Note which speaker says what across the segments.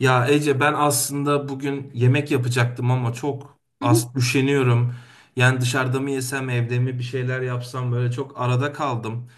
Speaker 1: Ya Ece ben aslında bugün yemek yapacaktım ama çok
Speaker 2: Hı hı,
Speaker 1: az üşeniyorum. Yani dışarıda mı yesem evde mi bir şeyler yapsam böyle çok arada kaldım.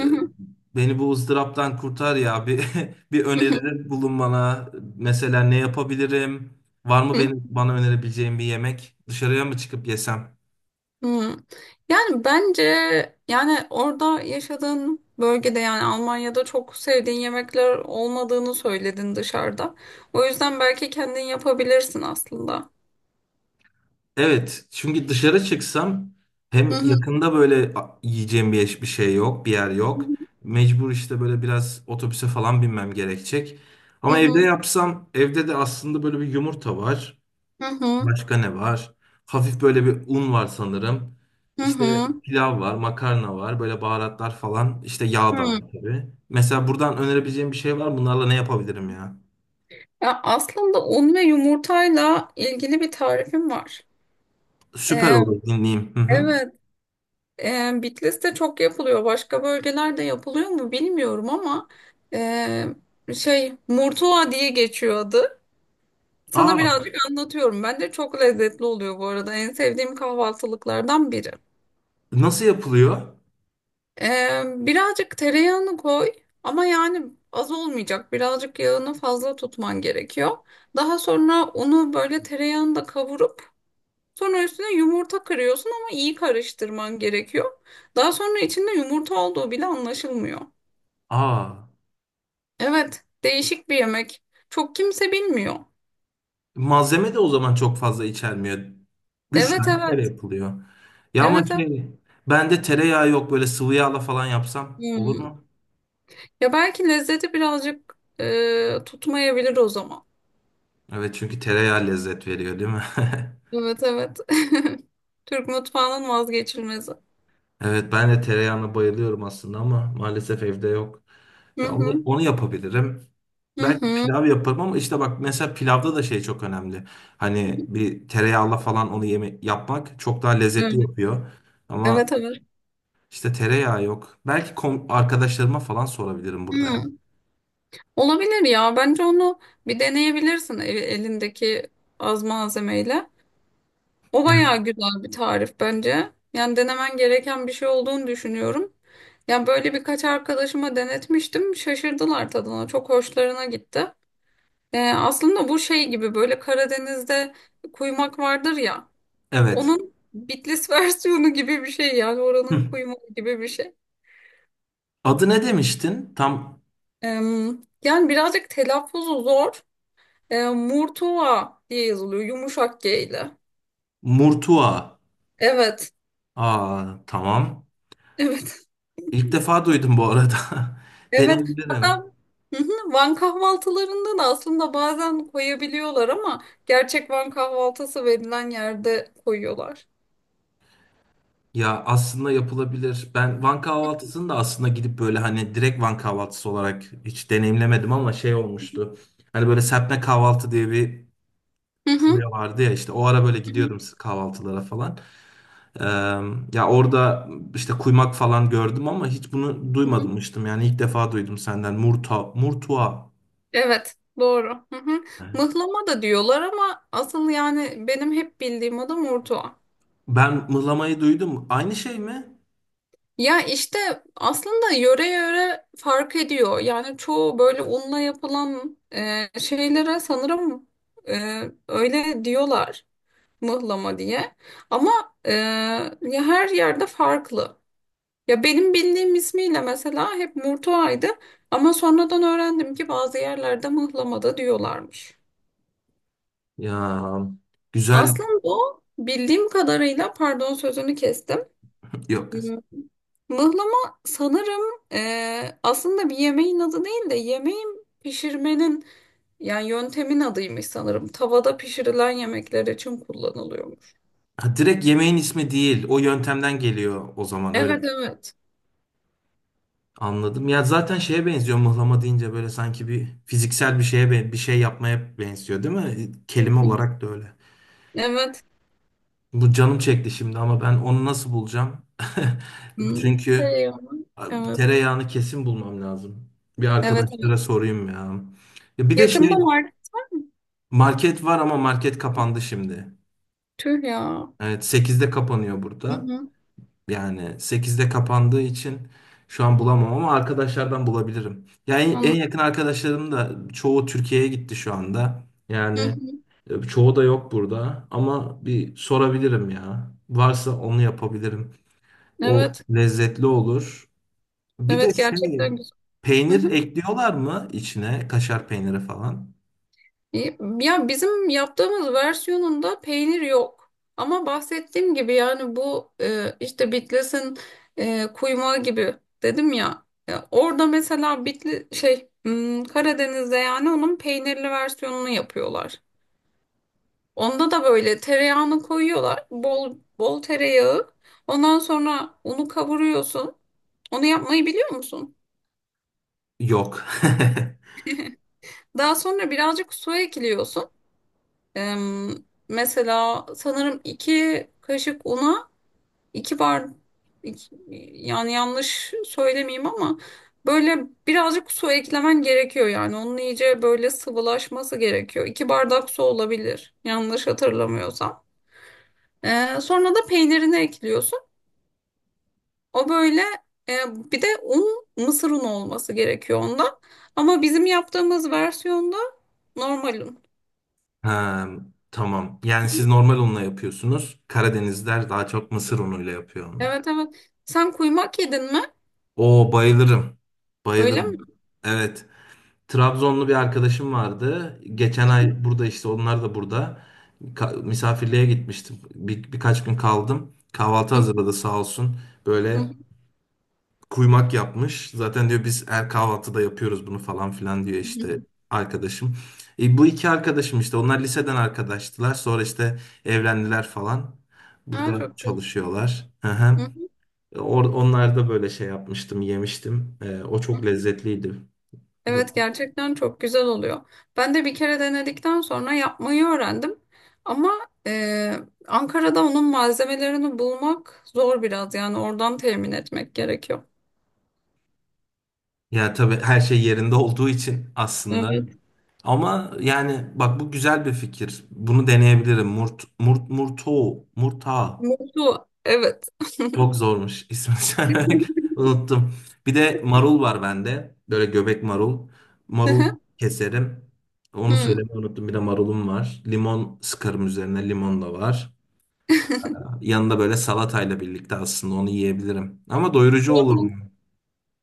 Speaker 1: Ee,
Speaker 2: hı,
Speaker 1: Beni bu ızdıraptan kurtar ya bir bir öneride bulun bana. Mesela ne yapabilirim? Var mı
Speaker 2: hı hı,
Speaker 1: benim bana önerebileceğin bir yemek? Dışarıya mı çıkıp yesem?
Speaker 2: hı. Yani bence, yani orada yaşadığın bölgede, yani Almanya'da çok sevdiğin yemekler olmadığını söyledin dışarıda. O yüzden belki kendin yapabilirsin aslında.
Speaker 1: Evet, çünkü dışarı çıksam
Speaker 2: Hı
Speaker 1: hem
Speaker 2: hı,
Speaker 1: yakında böyle yiyeceğim bir, bir şey yok, bir yer yok. Mecbur işte böyle biraz otobüse falan binmem gerekecek.
Speaker 2: hı
Speaker 1: Ama evde
Speaker 2: hı,
Speaker 1: yapsam, evde de aslında böyle bir yumurta var.
Speaker 2: hı hı,
Speaker 1: Başka ne var? Hafif böyle bir un var sanırım.
Speaker 2: hı
Speaker 1: İşte
Speaker 2: hı,
Speaker 1: pilav var, makarna var, böyle baharatlar falan. İşte yağ da var
Speaker 2: hı.
Speaker 1: tabii. Mesela buradan önerebileceğim bir şey var mı? Bunlarla ne yapabilirim ya?
Speaker 2: Ya aslında un ve yumurtayla ilgili bir tarifim var.
Speaker 1: Süper
Speaker 2: Ee,
Speaker 1: olur dinleyeyim. Hı hı.
Speaker 2: evet. Bitlis'te çok yapılıyor. Başka bölgelerde yapılıyor mu bilmiyorum, ama şey Murtuva diye geçiyor adı. Sana
Speaker 1: Aa,
Speaker 2: birazcık anlatıyorum. Bence çok lezzetli oluyor bu arada. En sevdiğim kahvaltılıklardan biri.
Speaker 1: nasıl yapılıyor?
Speaker 2: Birazcık tereyağını koy, ama yani az olmayacak. Birazcık yağını fazla tutman gerekiyor. Daha sonra unu böyle tereyağında kavurup sonra üstüne yumurta kırıyorsun, ama iyi karıştırman gerekiyor. Daha sonra içinde yumurta olduğu bile anlaşılmıyor.
Speaker 1: Aa.
Speaker 2: Evet, değişik bir yemek. Çok kimse bilmiyor.
Speaker 1: Malzeme de o zaman çok fazla içermiyor. Üç
Speaker 2: Evet,
Speaker 1: tane kere
Speaker 2: evet.
Speaker 1: yapılıyor. Ya ama
Speaker 2: Evet, evet.
Speaker 1: şey, bende tereyağı yok, böyle sıvı yağla falan yapsam olur
Speaker 2: Hmm.
Speaker 1: mu?
Speaker 2: Ya belki lezzeti birazcık tutmayabilir o zaman.
Speaker 1: Evet çünkü tereyağı lezzet veriyor değil mi?
Speaker 2: Evet, evet. Türk mutfağının vazgeçilmezi.
Speaker 1: Evet ben de tereyağına bayılıyorum aslında ama maalesef evde yok.
Speaker 2: Hı
Speaker 1: Ya onu,
Speaker 2: hı.
Speaker 1: onu yapabilirim.
Speaker 2: Hı
Speaker 1: Belki
Speaker 2: hı.
Speaker 1: pilav yaparım ama işte bak mesela pilavda da şey çok önemli. Hani bir tereyağla falan onu yeme yapmak çok daha lezzetli
Speaker 2: Evet,
Speaker 1: yapıyor. Ama
Speaker 2: evet. Evet.
Speaker 1: İşte tereyağı yok. Belki arkadaşlarıma falan sorabilirim burada,
Speaker 2: Hı.
Speaker 1: ya.
Speaker 2: Olabilir ya. Bence onu bir deneyebilirsin, elindeki az malzemeyle. O bayağı
Speaker 1: Yani,
Speaker 2: güzel bir tarif bence. Yani denemen gereken bir şey olduğunu düşünüyorum. Yani böyle birkaç arkadaşıma denetmiştim. Şaşırdılar tadına. Çok hoşlarına gitti. Aslında bu şey gibi, böyle Karadeniz'de kuymak vardır ya.
Speaker 1: evet.
Speaker 2: Onun Bitlis versiyonu gibi bir şey, yani oranın
Speaker 1: Hı.
Speaker 2: kuymağı gibi bir şey.
Speaker 1: Adı ne demiştin? Tam
Speaker 2: Ee, yani birazcık telaffuzu zor. Murtuva diye yazılıyor, yumuşak G ile.
Speaker 1: Murtua.
Speaker 2: Evet.
Speaker 1: Aa, tamam.
Speaker 2: Evet.
Speaker 1: İlk defa duydum bu arada.
Speaker 2: Evet. Hatta.
Speaker 1: Deneyebilirim.
Speaker 2: Hı hı, Van kahvaltılarında da aslında bazen koyabiliyorlar, ama gerçek Van kahvaltısı verilen yerde koyuyorlar.
Speaker 1: Ya aslında yapılabilir. Ben Van kahvaltısını da aslında gidip böyle hani direkt Van kahvaltısı olarak hiç deneyimlemedim ama şey olmuştu. Hani böyle serpme kahvaltı diye bir
Speaker 2: Hı hı,
Speaker 1: furya vardı ya, işte o ara böyle
Speaker 2: hı
Speaker 1: gidiyordum
Speaker 2: hı,
Speaker 1: kahvaltılara falan. Ee, Ya orada işte kuymak falan gördüm ama hiç bunu
Speaker 2: hı hı.
Speaker 1: duymamıştım. Yani ilk defa duydum senden. Murta, murtua.
Speaker 2: Evet, doğru. Hı hı.
Speaker 1: Evet.
Speaker 2: Mıhlama da diyorlar, ama asıl yani benim hep bildiğim adı Murtuva.
Speaker 1: Ben mıhlamayı duydum. Aynı şey mi?
Speaker 2: Ya işte, aslında yöre yöre fark ediyor. Yani çoğu böyle unla yapılan şeylere sanırım e, öyle diyorlar, mıhlama diye. Ama e, ya her yerde farklı. Ya benim bildiğim ismiyle mesela hep Murtua'ydı, ama sonradan öğrendim ki bazı yerlerde mıhlamada diyorlarmış.
Speaker 1: Ya güzel.
Speaker 2: Aslında o, bildiğim kadarıyla, pardon, sözünü kestim.
Speaker 1: Yok.
Speaker 2: Hmm, Mıhlama sanırım, aslında bir yemeğin adı değil de yemeğin pişirmenin, yani yöntemin adıymış sanırım. Tavada pişirilen yemekler için kullanılıyormuş.
Speaker 1: Ha, direkt yemeğin ismi değil. O yöntemden geliyor o zaman öyle.
Speaker 2: Evet, evet.
Speaker 1: Anladım. Ya zaten şeye benziyor mıhlama deyince, böyle sanki bir fiziksel bir şeye bir şey yapmaya benziyor değil mi?
Speaker 2: Hı
Speaker 1: Kelime
Speaker 2: hı.
Speaker 1: olarak da öyle.
Speaker 2: Evet.
Speaker 1: Bu canım çekti şimdi ama ben onu nasıl bulacağım?
Speaker 2: Hmm.
Speaker 1: Çünkü
Speaker 2: Şey ama.
Speaker 1: abi,
Speaker 2: Evet.
Speaker 1: tereyağını kesin bulmam lazım. Bir
Speaker 2: Evet, evet.
Speaker 1: arkadaşlara sorayım ya. Ya bir de
Speaker 2: Yakında
Speaker 1: şey,
Speaker 2: market var mı?
Speaker 1: market var ama market kapandı şimdi.
Speaker 2: Tüh ya.
Speaker 1: Evet sekizde kapanıyor
Speaker 2: Hı
Speaker 1: burada.
Speaker 2: hı,
Speaker 1: Yani sekizde kapandığı için şu an bulamam ama arkadaşlardan bulabilirim. Yani en
Speaker 2: anladım.
Speaker 1: yakın arkadaşlarım da çoğu Türkiye'ye gitti şu anda.
Speaker 2: Hı
Speaker 1: Yani
Speaker 2: hı.
Speaker 1: çoğu da yok burada ama bir sorabilirim ya. Varsa onu yapabilirim. O
Speaker 2: Evet,
Speaker 1: lezzetli olur. Bir de
Speaker 2: evet,
Speaker 1: şey,
Speaker 2: gerçekten güzel. Hı
Speaker 1: peynir
Speaker 2: hı.
Speaker 1: ekliyorlar mı içine, kaşar peyniri falan?
Speaker 2: İyi. Ya bizim yaptığımız versiyonunda peynir yok. Ama bahsettiğim gibi, yani bu işte Bitlis'in kuymağı gibi, dedim ya. Ya orada mesela Karadeniz'de, yani onun peynirli versiyonunu yapıyorlar. Onda da böyle tereyağını koyuyorlar. Bol bol tereyağı. Ondan sonra unu kavuruyorsun. Onu yapmayı biliyor musun?
Speaker 1: Yok.
Speaker 2: Daha sonra birazcık su ekliyorsun. Eee, mesela sanırım iki kaşık una, iki bar, iki- yani yanlış söylemeyeyim, ama böyle birazcık su eklemen gerekiyor yani. Onun iyice böyle sıvılaşması gerekiyor. İki bardak su olabilir, yanlış hatırlamıyorsam. Sonra da peynirini ekliyorsun. O böyle, eee, bir de un, mısır unu olması gerekiyor onda. Ama bizim yaptığımız versiyonda normal un.
Speaker 1: Ha, tamam. Yani siz normal unla yapıyorsunuz. Karadenizler daha çok mısır unuyla yapıyor onu.
Speaker 2: Evet, evet. Sen kuymak yedin mi?
Speaker 1: Oo bayılırım.
Speaker 2: Öyle mi?
Speaker 1: Bayılırım. Evet. Trabzonlu bir arkadaşım vardı. Geçen ay burada, işte onlar da burada. Misafirliğe gitmiştim. Birkaç gün kaldım. Kahvaltı hazırladı sağ olsun. Böyle kuymak yapmış. Zaten diyor biz her kahvaltıda yapıyoruz bunu falan filan diyor işte arkadaşım. Bu iki arkadaşım işte onlar liseden arkadaştılar. Sonra işte evlendiler falan.
Speaker 2: Ha,
Speaker 1: Burada
Speaker 2: çok güzel.
Speaker 1: çalışıyorlar. Hı hı. Onlar da böyle şey yapmıştım, yemiştim. E, o çok lezzetliydi.
Speaker 2: Evet, gerçekten çok güzel oluyor. Ben de bir kere denedikten sonra yapmayı öğrendim. Ama e, Ankara'da onun malzemelerini bulmak zor biraz, yani oradan temin etmek gerekiyor.
Speaker 1: Ya tabii her şey yerinde olduğu için aslında.
Speaker 2: Evet.
Speaker 1: Ama yani bak bu güzel bir fikir. Bunu deneyebilirim. Murt, murt, murto, murta.
Speaker 2: Mutlu. Evet.
Speaker 1: Çok zormuş ismi söylemek. Unuttum. Bir de marul var bende. Böyle göbek marul. Marul keserim. Onu söylemeyi unuttum. Bir de marulum var. Limon sıkarım üzerine. Limon da var. Yanında böyle salatayla birlikte aslında onu yiyebilirim. Ama doyurucu olur mu?
Speaker 2: Hı.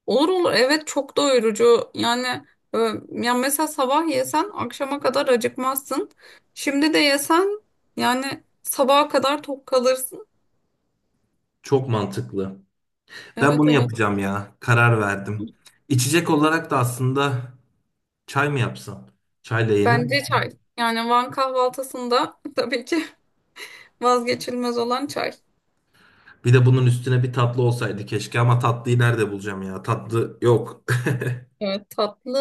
Speaker 2: Olur, olur, evet, çok doyurucu yani, e, ya mesela sabah yesen akşama kadar acıkmazsın. Şimdi de yesen, yani sabaha kadar tok kalırsın.
Speaker 1: Çok mantıklı. Ben
Speaker 2: Evet,
Speaker 1: bunu
Speaker 2: evet,
Speaker 1: yapacağım ya. Karar verdim. İçecek olarak da aslında çay mı yapsam? Çayla yenir mi?
Speaker 2: bence çay, yani Van kahvaltısında tabii ki vazgeçilmez olan çay.
Speaker 1: Bir de bunun üstüne bir tatlı olsaydı keşke ama tatlıyı nerede bulacağım ya? Tatlı yok.
Speaker 2: Evet, tatlı,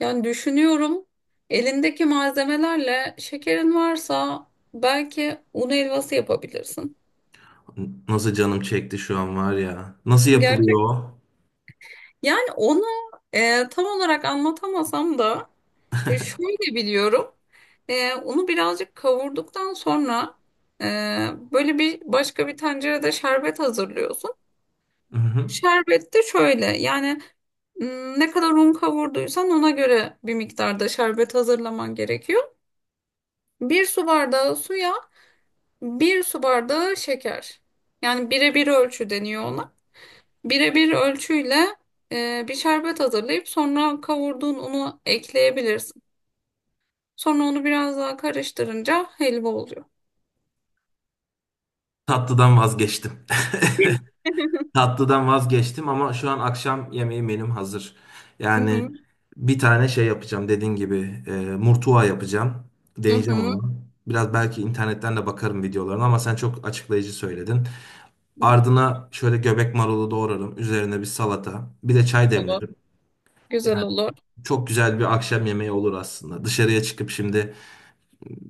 Speaker 2: yani düşünüyorum, elindeki malzemelerle şekerin varsa belki un helvası yapabilirsin.
Speaker 1: Nasıl canım çekti şu an var ya. Nasıl yapılıyor
Speaker 2: Gerçek,
Speaker 1: o?
Speaker 2: yani onu tam olarak anlatamasam da, şöyle biliyorum. Unu birazcık kavurduktan sonra, e, böyle bir başka bir tencerede şerbet hazırlıyorsun.
Speaker 1: Hı hı.
Speaker 2: Şerbet de şöyle, yani, ne kadar un kavurduysan ona göre bir miktarda şerbet hazırlaman gerekiyor. Bir su bardağı suya bir su bardağı şeker. Yani birebir ölçü deniyor ona. Birebir ölçüyle bir şerbet hazırlayıp sonra kavurduğun unu ekleyebilirsin. Sonra onu biraz daha karıştırınca helva oluyor.
Speaker 1: Tatlıdan vazgeçtim.
Speaker 2: Hı
Speaker 1: Tatlıdan vazgeçtim ama şu an akşam yemeği benim hazır.
Speaker 2: hı.
Speaker 1: Yani bir tane şey yapacağım, dediğin gibi murtuva yapacağım.
Speaker 2: Hı
Speaker 1: Deneyeceğim
Speaker 2: hı.
Speaker 1: onu. Biraz belki internetten de bakarım videolarına ama sen çok açıklayıcı söyledin. Ardına şöyle göbek marulu doğrarım. Üzerine bir salata. Bir de çay
Speaker 2: Olur.
Speaker 1: demlerim.
Speaker 2: Güzel
Speaker 1: Yani
Speaker 2: olur.
Speaker 1: çok güzel bir akşam yemeği olur aslında. Dışarıya çıkıp şimdi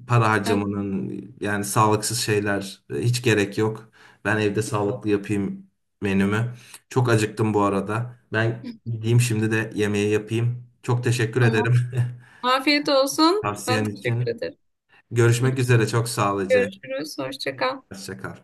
Speaker 1: para
Speaker 2: Evet.
Speaker 1: harcamanın, yani sağlıksız şeyler, hiç gerek yok. Ben evde sağlıklı yapayım menümü. Çok acıktım bu arada. Ben gideyim şimdi de yemeği yapayım. Çok teşekkür ederim
Speaker 2: Tamam. Afiyet olsun. Ben
Speaker 1: tavsiyen
Speaker 2: teşekkür
Speaker 1: için.
Speaker 2: ederim.
Speaker 1: Görüşmek üzere. Çok sağ ol.
Speaker 2: Görüşürüz. Hoşça kal.
Speaker 1: Hoşça kal.